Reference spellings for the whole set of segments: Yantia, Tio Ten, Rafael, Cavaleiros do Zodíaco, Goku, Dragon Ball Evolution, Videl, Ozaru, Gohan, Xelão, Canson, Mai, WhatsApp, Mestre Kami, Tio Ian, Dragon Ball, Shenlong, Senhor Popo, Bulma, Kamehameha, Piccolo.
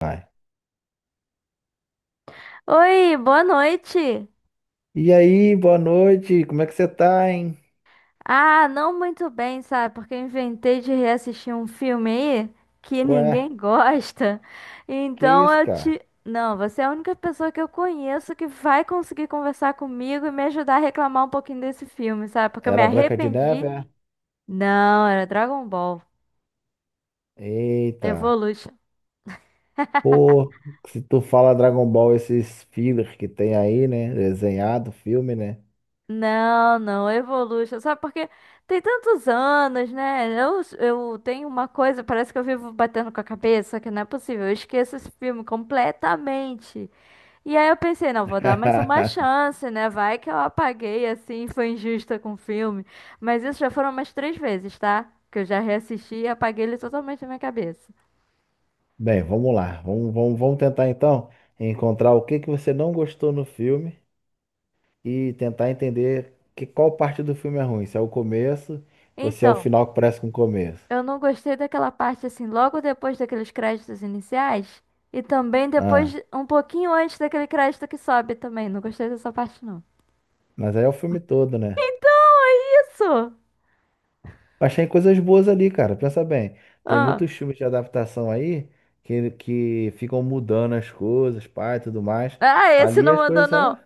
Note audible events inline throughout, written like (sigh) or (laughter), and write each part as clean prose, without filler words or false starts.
Vai. Oi, boa noite. E aí, boa noite, como é que você tá, hein? Ah, não muito bem, sabe? Porque eu inventei de reassistir um filme aí que (laughs) Ué, ninguém gosta. que Então isso, eu cara? te. Não, você é a única pessoa que eu conheço que vai conseguir conversar comigo e me ajudar a reclamar um pouquinho desse filme, sabe? Porque eu me Era a Branca de Neve, arrependi. é? Não, era Dragon Ball. Eita, Evolution. pô, se tu fala Dragon Ball, esses fillers que tem aí, né? Desenhado, filme, né? Não, não, Evolution. Sabe porque tem tantos anos, né? Eu tenho uma coisa, parece que eu vivo batendo com a cabeça, que não é possível. Eu esqueço esse filme completamente. E aí eu pensei, não, vou dar mais uma (laughs) chance, né? Vai que eu apaguei assim, foi injusta com o filme. Mas isso já foram umas três vezes, tá? Que eu já reassisti e apaguei ele totalmente da minha cabeça. Bem, vamos lá, vamos tentar então encontrar o que que você não gostou no filme e tentar entender que qual parte do filme é ruim, se é o começo ou se é o Então. final que parece com o começo. Eu não gostei daquela parte assim, logo depois daqueles créditos iniciais e também depois, Ah, um pouquinho antes daquele crédito que sobe também. Não gostei dessa parte, não. mas aí é o filme todo, né? Então, é isso! Achei coisas boas ali, cara. Pensa bem, tem Ah, muitos filmes de adaptação aí que ficam mudando as coisas, pá, e tudo mais. ah, esse Ali não as mandou, coisas eram. não.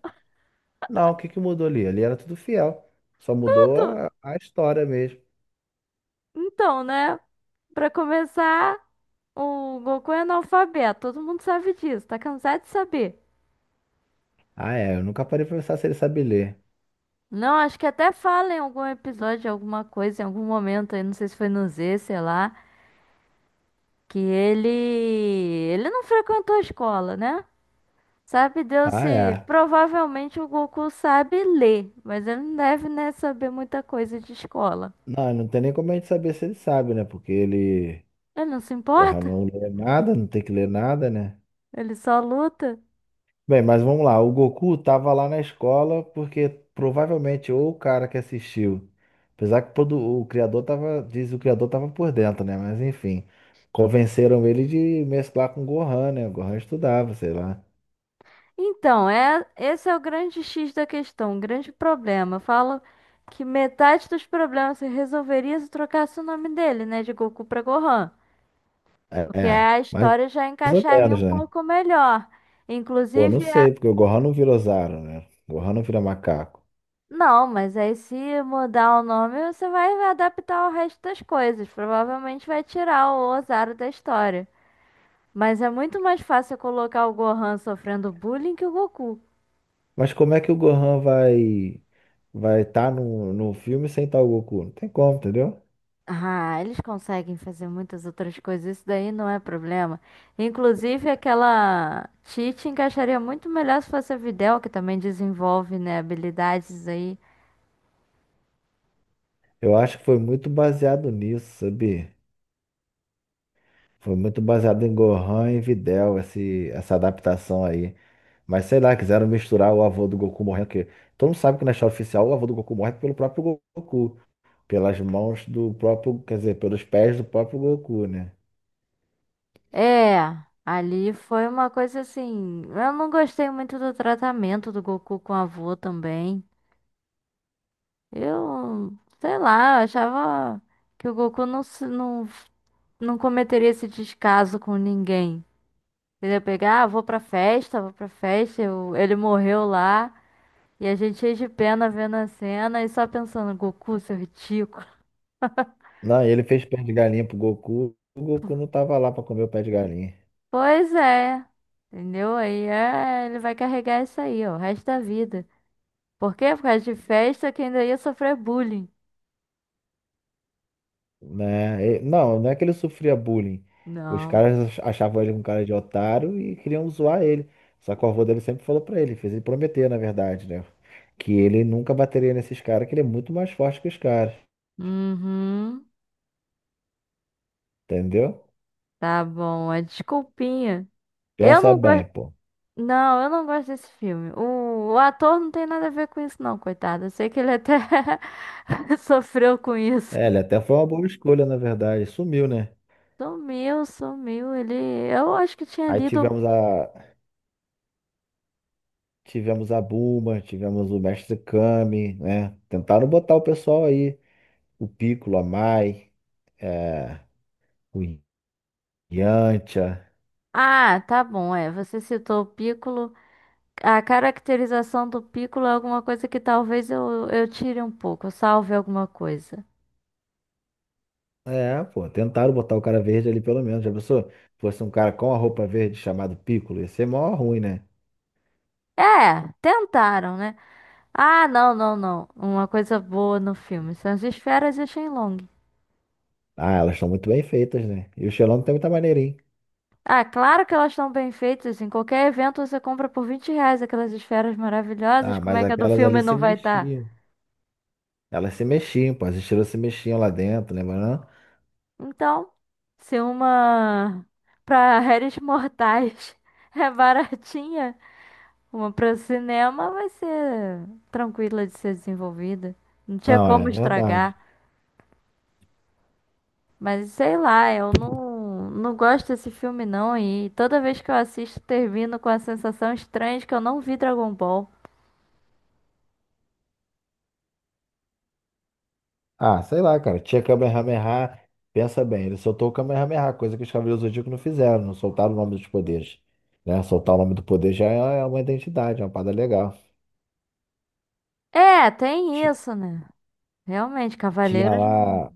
Não, o que que mudou ali? Ali era tudo fiel. Só mudou Tudo! a história mesmo. Então, né? Pra começar, o Goku é analfabeto. Todo mundo sabe disso. Tá cansado de saber. Ah, é. Eu nunca parei pra pensar se ele sabe ler. Não, acho que até fala em algum episódio, alguma coisa, em algum momento aí, não sei se foi no Z, sei lá, que ele. Ele não frequentou a escola, né? Sabe Deus Ah, se é. provavelmente o Goku sabe ler, mas ele não deve, né, saber muita coisa de escola. Não tem nem como a gente saber se ele sabe, né? Porque ele, Ele não se porra, importa, não lê nada, não tem que ler nada, né? ele só luta. Bem, mas vamos lá. O Goku tava lá na escola porque provavelmente ou o cara que assistiu, o criador tava, diz o criador tava por dentro, né? Mas enfim, convenceram ele de mesclar com o Gohan, né? O Gohan estudava, sei lá. Então, é, esse é o grande X da questão, o grande problema. Falam que metade dos problemas se resolveria se trocasse o nome dele, né, de Goku para Gohan, porque a Mais história já ou encaixaria menos, um né? pouco melhor. Pô, não Inclusive, sei, porque o Gohan não vira Ozaru, né? O Gohan não vira macaco. não, mas aí se mudar o nome, você vai adaptar o resto das coisas. Provavelmente vai tirar o Ozaru da história. Mas é muito mais fácil colocar o Gohan sofrendo bullying que o Goku. Mas como é que o Gohan vai estar no filme sem estar o Goku? Não tem como, entendeu? Ah, eles conseguem fazer muitas outras coisas, isso daí não é problema. Inclusive, aquela Tite encaixaria muito melhor se fosse a Videl, que também desenvolve, né, habilidades aí. Eu acho que foi muito baseado nisso, sabia? Foi muito baseado em Gohan e Videl, essa adaptação aí. Mas sei lá, quiseram misturar o avô do Goku morrendo, porque todo mundo sabe que na história oficial o avô do Goku morre pelo próprio Goku, pelas mãos do próprio, quer dizer, pelos pés do próprio Goku, né? É, ali foi uma coisa assim. Eu não gostei muito do tratamento do Goku com a avó também. Eu, sei lá, eu achava que o Goku não cometeria esse descaso com ninguém. Entendeu? Pegar, ah, vou pra festa, ele morreu lá, e a gente cheio de pena vendo a cena e só pensando, Goku, seu ridículo. Não, ele fez pé de galinha pro Goku, o Goku não tava lá pra comer o pé de galinha. Pois é, entendeu? Aí é, ele vai carregar isso aí, ó, o resto da vida. Por quê? Por causa de festa que ainda ia sofrer bullying. Né? Não, não é que ele sofria bullying. Os Não. caras achavam ele um cara de otário e queriam zoar ele. Só que o avô dele sempre falou pra ele, fez ele prometer, na verdade, né? Que ele nunca bateria nesses caras, que ele é muito mais forte que os caras, Uhum. entendeu? Tá bom, é desculpinha. Eu Pensa não bem, gosto. pô. Não, eu não gosto desse filme. O ator não tem nada a ver com isso, não, coitado. Eu sei que ele até (laughs) sofreu com isso. É, ele até foi uma boa escolha, na verdade. Sumiu, né? Sumiu, sumiu. Ele. Eu acho que tinha Aí lido. Um tivemos a tivemos a Bulma, tivemos o Mestre Kami, né? Tentaram botar o pessoal aí, o Piccolo, a Mai, é, o Yantia. Ah, tá bom, é. Você citou o Piccolo. A caracterização do Piccolo é alguma coisa que talvez eu tire um pouco, eu salve alguma coisa. É, pô, tentaram botar o cara verde ali pelo menos. Já pensou? Fosse um cara com a roupa verde chamado Piccolo, ia ser mó ruim, né? É, tentaram, né? Ah, não, não, não. Uma coisa boa no filme são as esferas e o Shenlong. Ah, elas estão muito bem feitas, né? E o Xelão tem muita maneirinha. Ah, claro que elas estão bem feitas. Em qualquer evento você compra por R$ 20 aquelas esferas maravilhosas. Ah, Como mas é que a do aquelas ali filme se não vai estar? mexiam. Elas se mexiam, pô, as estrelas se mexiam lá dentro, lembra não? Então, se uma para réis mortais (laughs) é baratinha, uma para cinema vai ser tranquila de ser desenvolvida. Não tinha Não, é como verdade. estragar. Mas sei lá, eu não gosto desse filme não. E toda vez que eu assisto, termino com a sensação estranha de que eu não vi Dragon Ball. Ah, sei lá, cara. Tinha Kamehameha. Pensa bem, ele soltou o Kamehameha, coisa que os Cavaleiros do Zodíaco não fizeram, não soltaram o nome dos poderes. Né? Soltar o nome do poder já é uma identidade, é uma parada legal. É, tem Ti- isso, né? Realmente, Tinha Cavaleiros não. lá.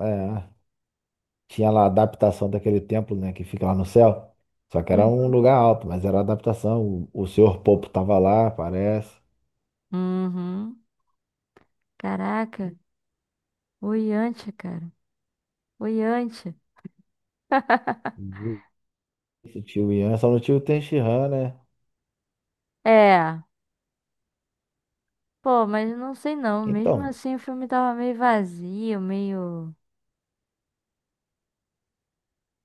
É. Tinha lá a adaptação daquele templo, né, que fica lá no céu. Só que era um Uhum. lugar alto, mas era adaptação. O Senhor Popo tava lá, parece. Uhum. Caraca. O Yantia, cara. O Yantia. (laughs) Esse tio Ian, só no tio Ten, né? É. Pô, mas não sei não. Mesmo Então, assim, o filme tava meio vazio, meio.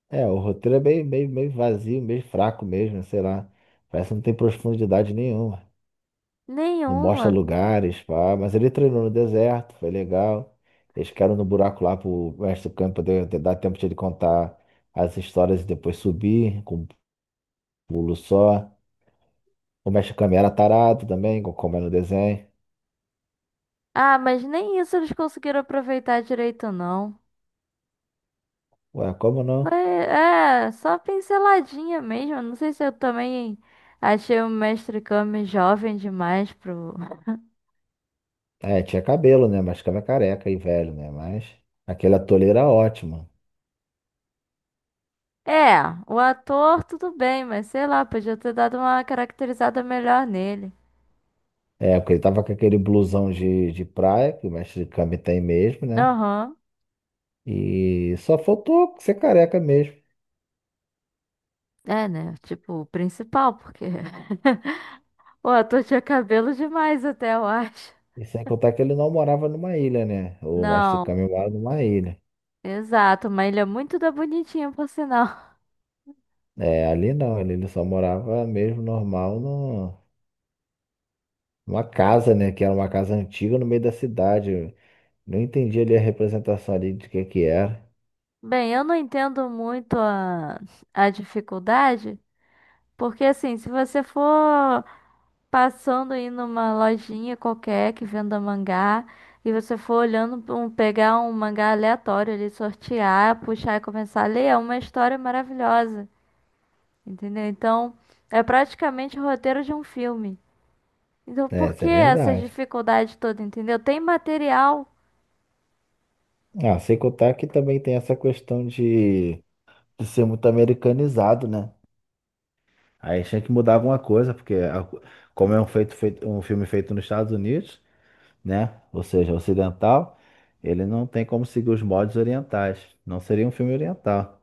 é, o roteiro é meio vazio, meio fraco mesmo, né, sei lá. Parece que não tem profundidade nenhuma. Não Nenhuma. mostra lugares, pá. Mas ele treinou no deserto, foi legal. Eles ficaram no buraco lá pro mestre do campo dar tempo de ele contar as histórias e depois subir com um pulo só. O Mexicano era tarado também, como é no desenho. Ah, mas nem isso eles conseguiram aproveitar direito, não. Ué, como Foi, não? é, só pinceladinha mesmo. Não sei se eu também achei o Mestre Kami jovem demais pro, É, tinha cabelo, né? Mas ficava careca e velho, né? Mas aquele ator era ótimo. é, o ator tudo bem, mas sei lá, podia ter dado uma caracterizada melhor nele. É, porque ele tava com aquele blusão de praia, que o mestre Kami tem mesmo, né? Aham. E só faltou ser careca mesmo. É, né? Tipo, o principal, porque (laughs) o ator tinha cabelo demais até, eu acho. E sem contar que ele não morava numa ilha, né? O mestre Não, Kami mora numa ilha. exato, mas ele é muito da bonitinha, por sinal. É, ali não, ali ele só morava mesmo normal no, numa casa, né? Que era uma casa antiga no meio da cidade. Eu não entendi ali a representação ali de que era. (laughs) Bem, eu não entendo muito a dificuldade, porque assim, se você for passando aí numa lojinha qualquer que venda mangá e você for olhando pra um, pegar um mangá aleatório ali, sortear, puxar e começar a ler, é uma história maravilhosa, entendeu? Então, é praticamente o roteiro de um filme. Então, É, por isso que é essa verdade. dificuldade toda, entendeu? Tem material. Ah, sem contar que também tem essa questão de ser muito americanizado, né? Aí tinha que mudar alguma coisa, porque como é um, um filme feito nos Estados Unidos, né? Ou seja, ocidental, ele não tem como seguir os modos orientais. Não seria um filme oriental.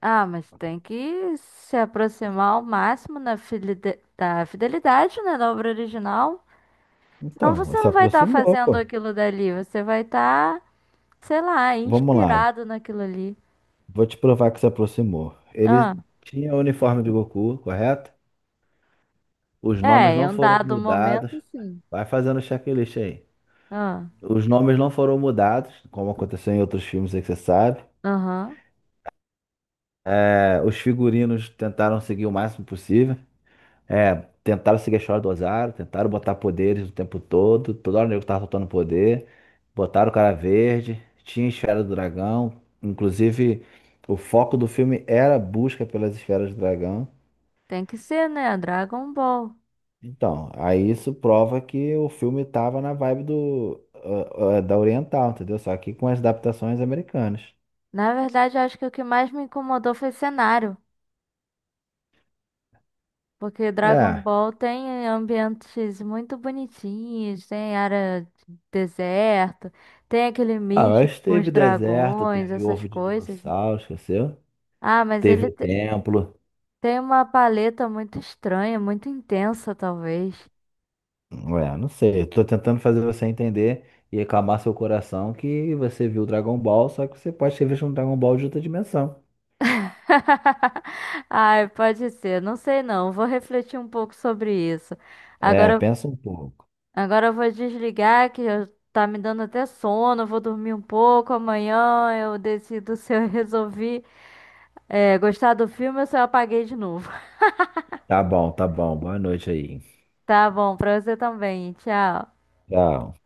Ah, mas tem que se aproximar ao máximo na da fidelidade, né, da obra original. Senão Então, você se não vai estar aproximou, fazendo pô. aquilo dali, você vai estar sei lá, Vamos lá, inspirado naquilo ali. vou te provar que se aproximou. Ah, Ele tinha o uniforme do Goku, correto? Os nomes é, em não um foram dado mudados. momento, sim. Vai fazendo o checklist aí. Ah, Os nomes não foram mudados, como aconteceu em outros filmes aí que você sabe. aham. É, os figurinos tentaram seguir o máximo possível. É, tentaram seguir a história do Ozário, tentaram botar poderes o tempo todo. Toda hora o nego tava soltando poder. Botaram o cara verde, tinha esfera do dragão. Inclusive, o foco do filme era a busca pelas esferas do dragão. Tem que ser, né? Dragon Ball. Então, aí isso prova que o filme tava na vibe do, da Oriental, entendeu? Só que com as adaptações americanas. Na verdade, eu acho que o que mais me incomodou foi cenário. Porque Dragon É. Ball tem ambientes muito bonitinhos, tem área de deserto, tem aquele Ah, místico mas com os teve deserto, dragões, teve essas ovo de coisas. dinossauro, esqueceu? Ah, mas Teve o templo. tem uma paleta muito estranha, muito intensa, talvez. Ué, não sei. Eu tô tentando fazer você entender e acalmar seu coração que você viu Dragon Ball, só que você pode ter visto um Dragon Ball de outra dimensão. (laughs) Ai, pode ser. Não sei não. Vou refletir um pouco sobre isso. É, Agora, pensa um pouco. agora eu vou desligar tá me dando até sono. Vou dormir um pouco. Amanhã eu decido (laughs) se eu resolvi é, gostar do filme ou se eu apaguei de novo. (laughs) Tá bom, tá bom. Boa noite aí. Tá bom, pra você também. Tchau. Tchau.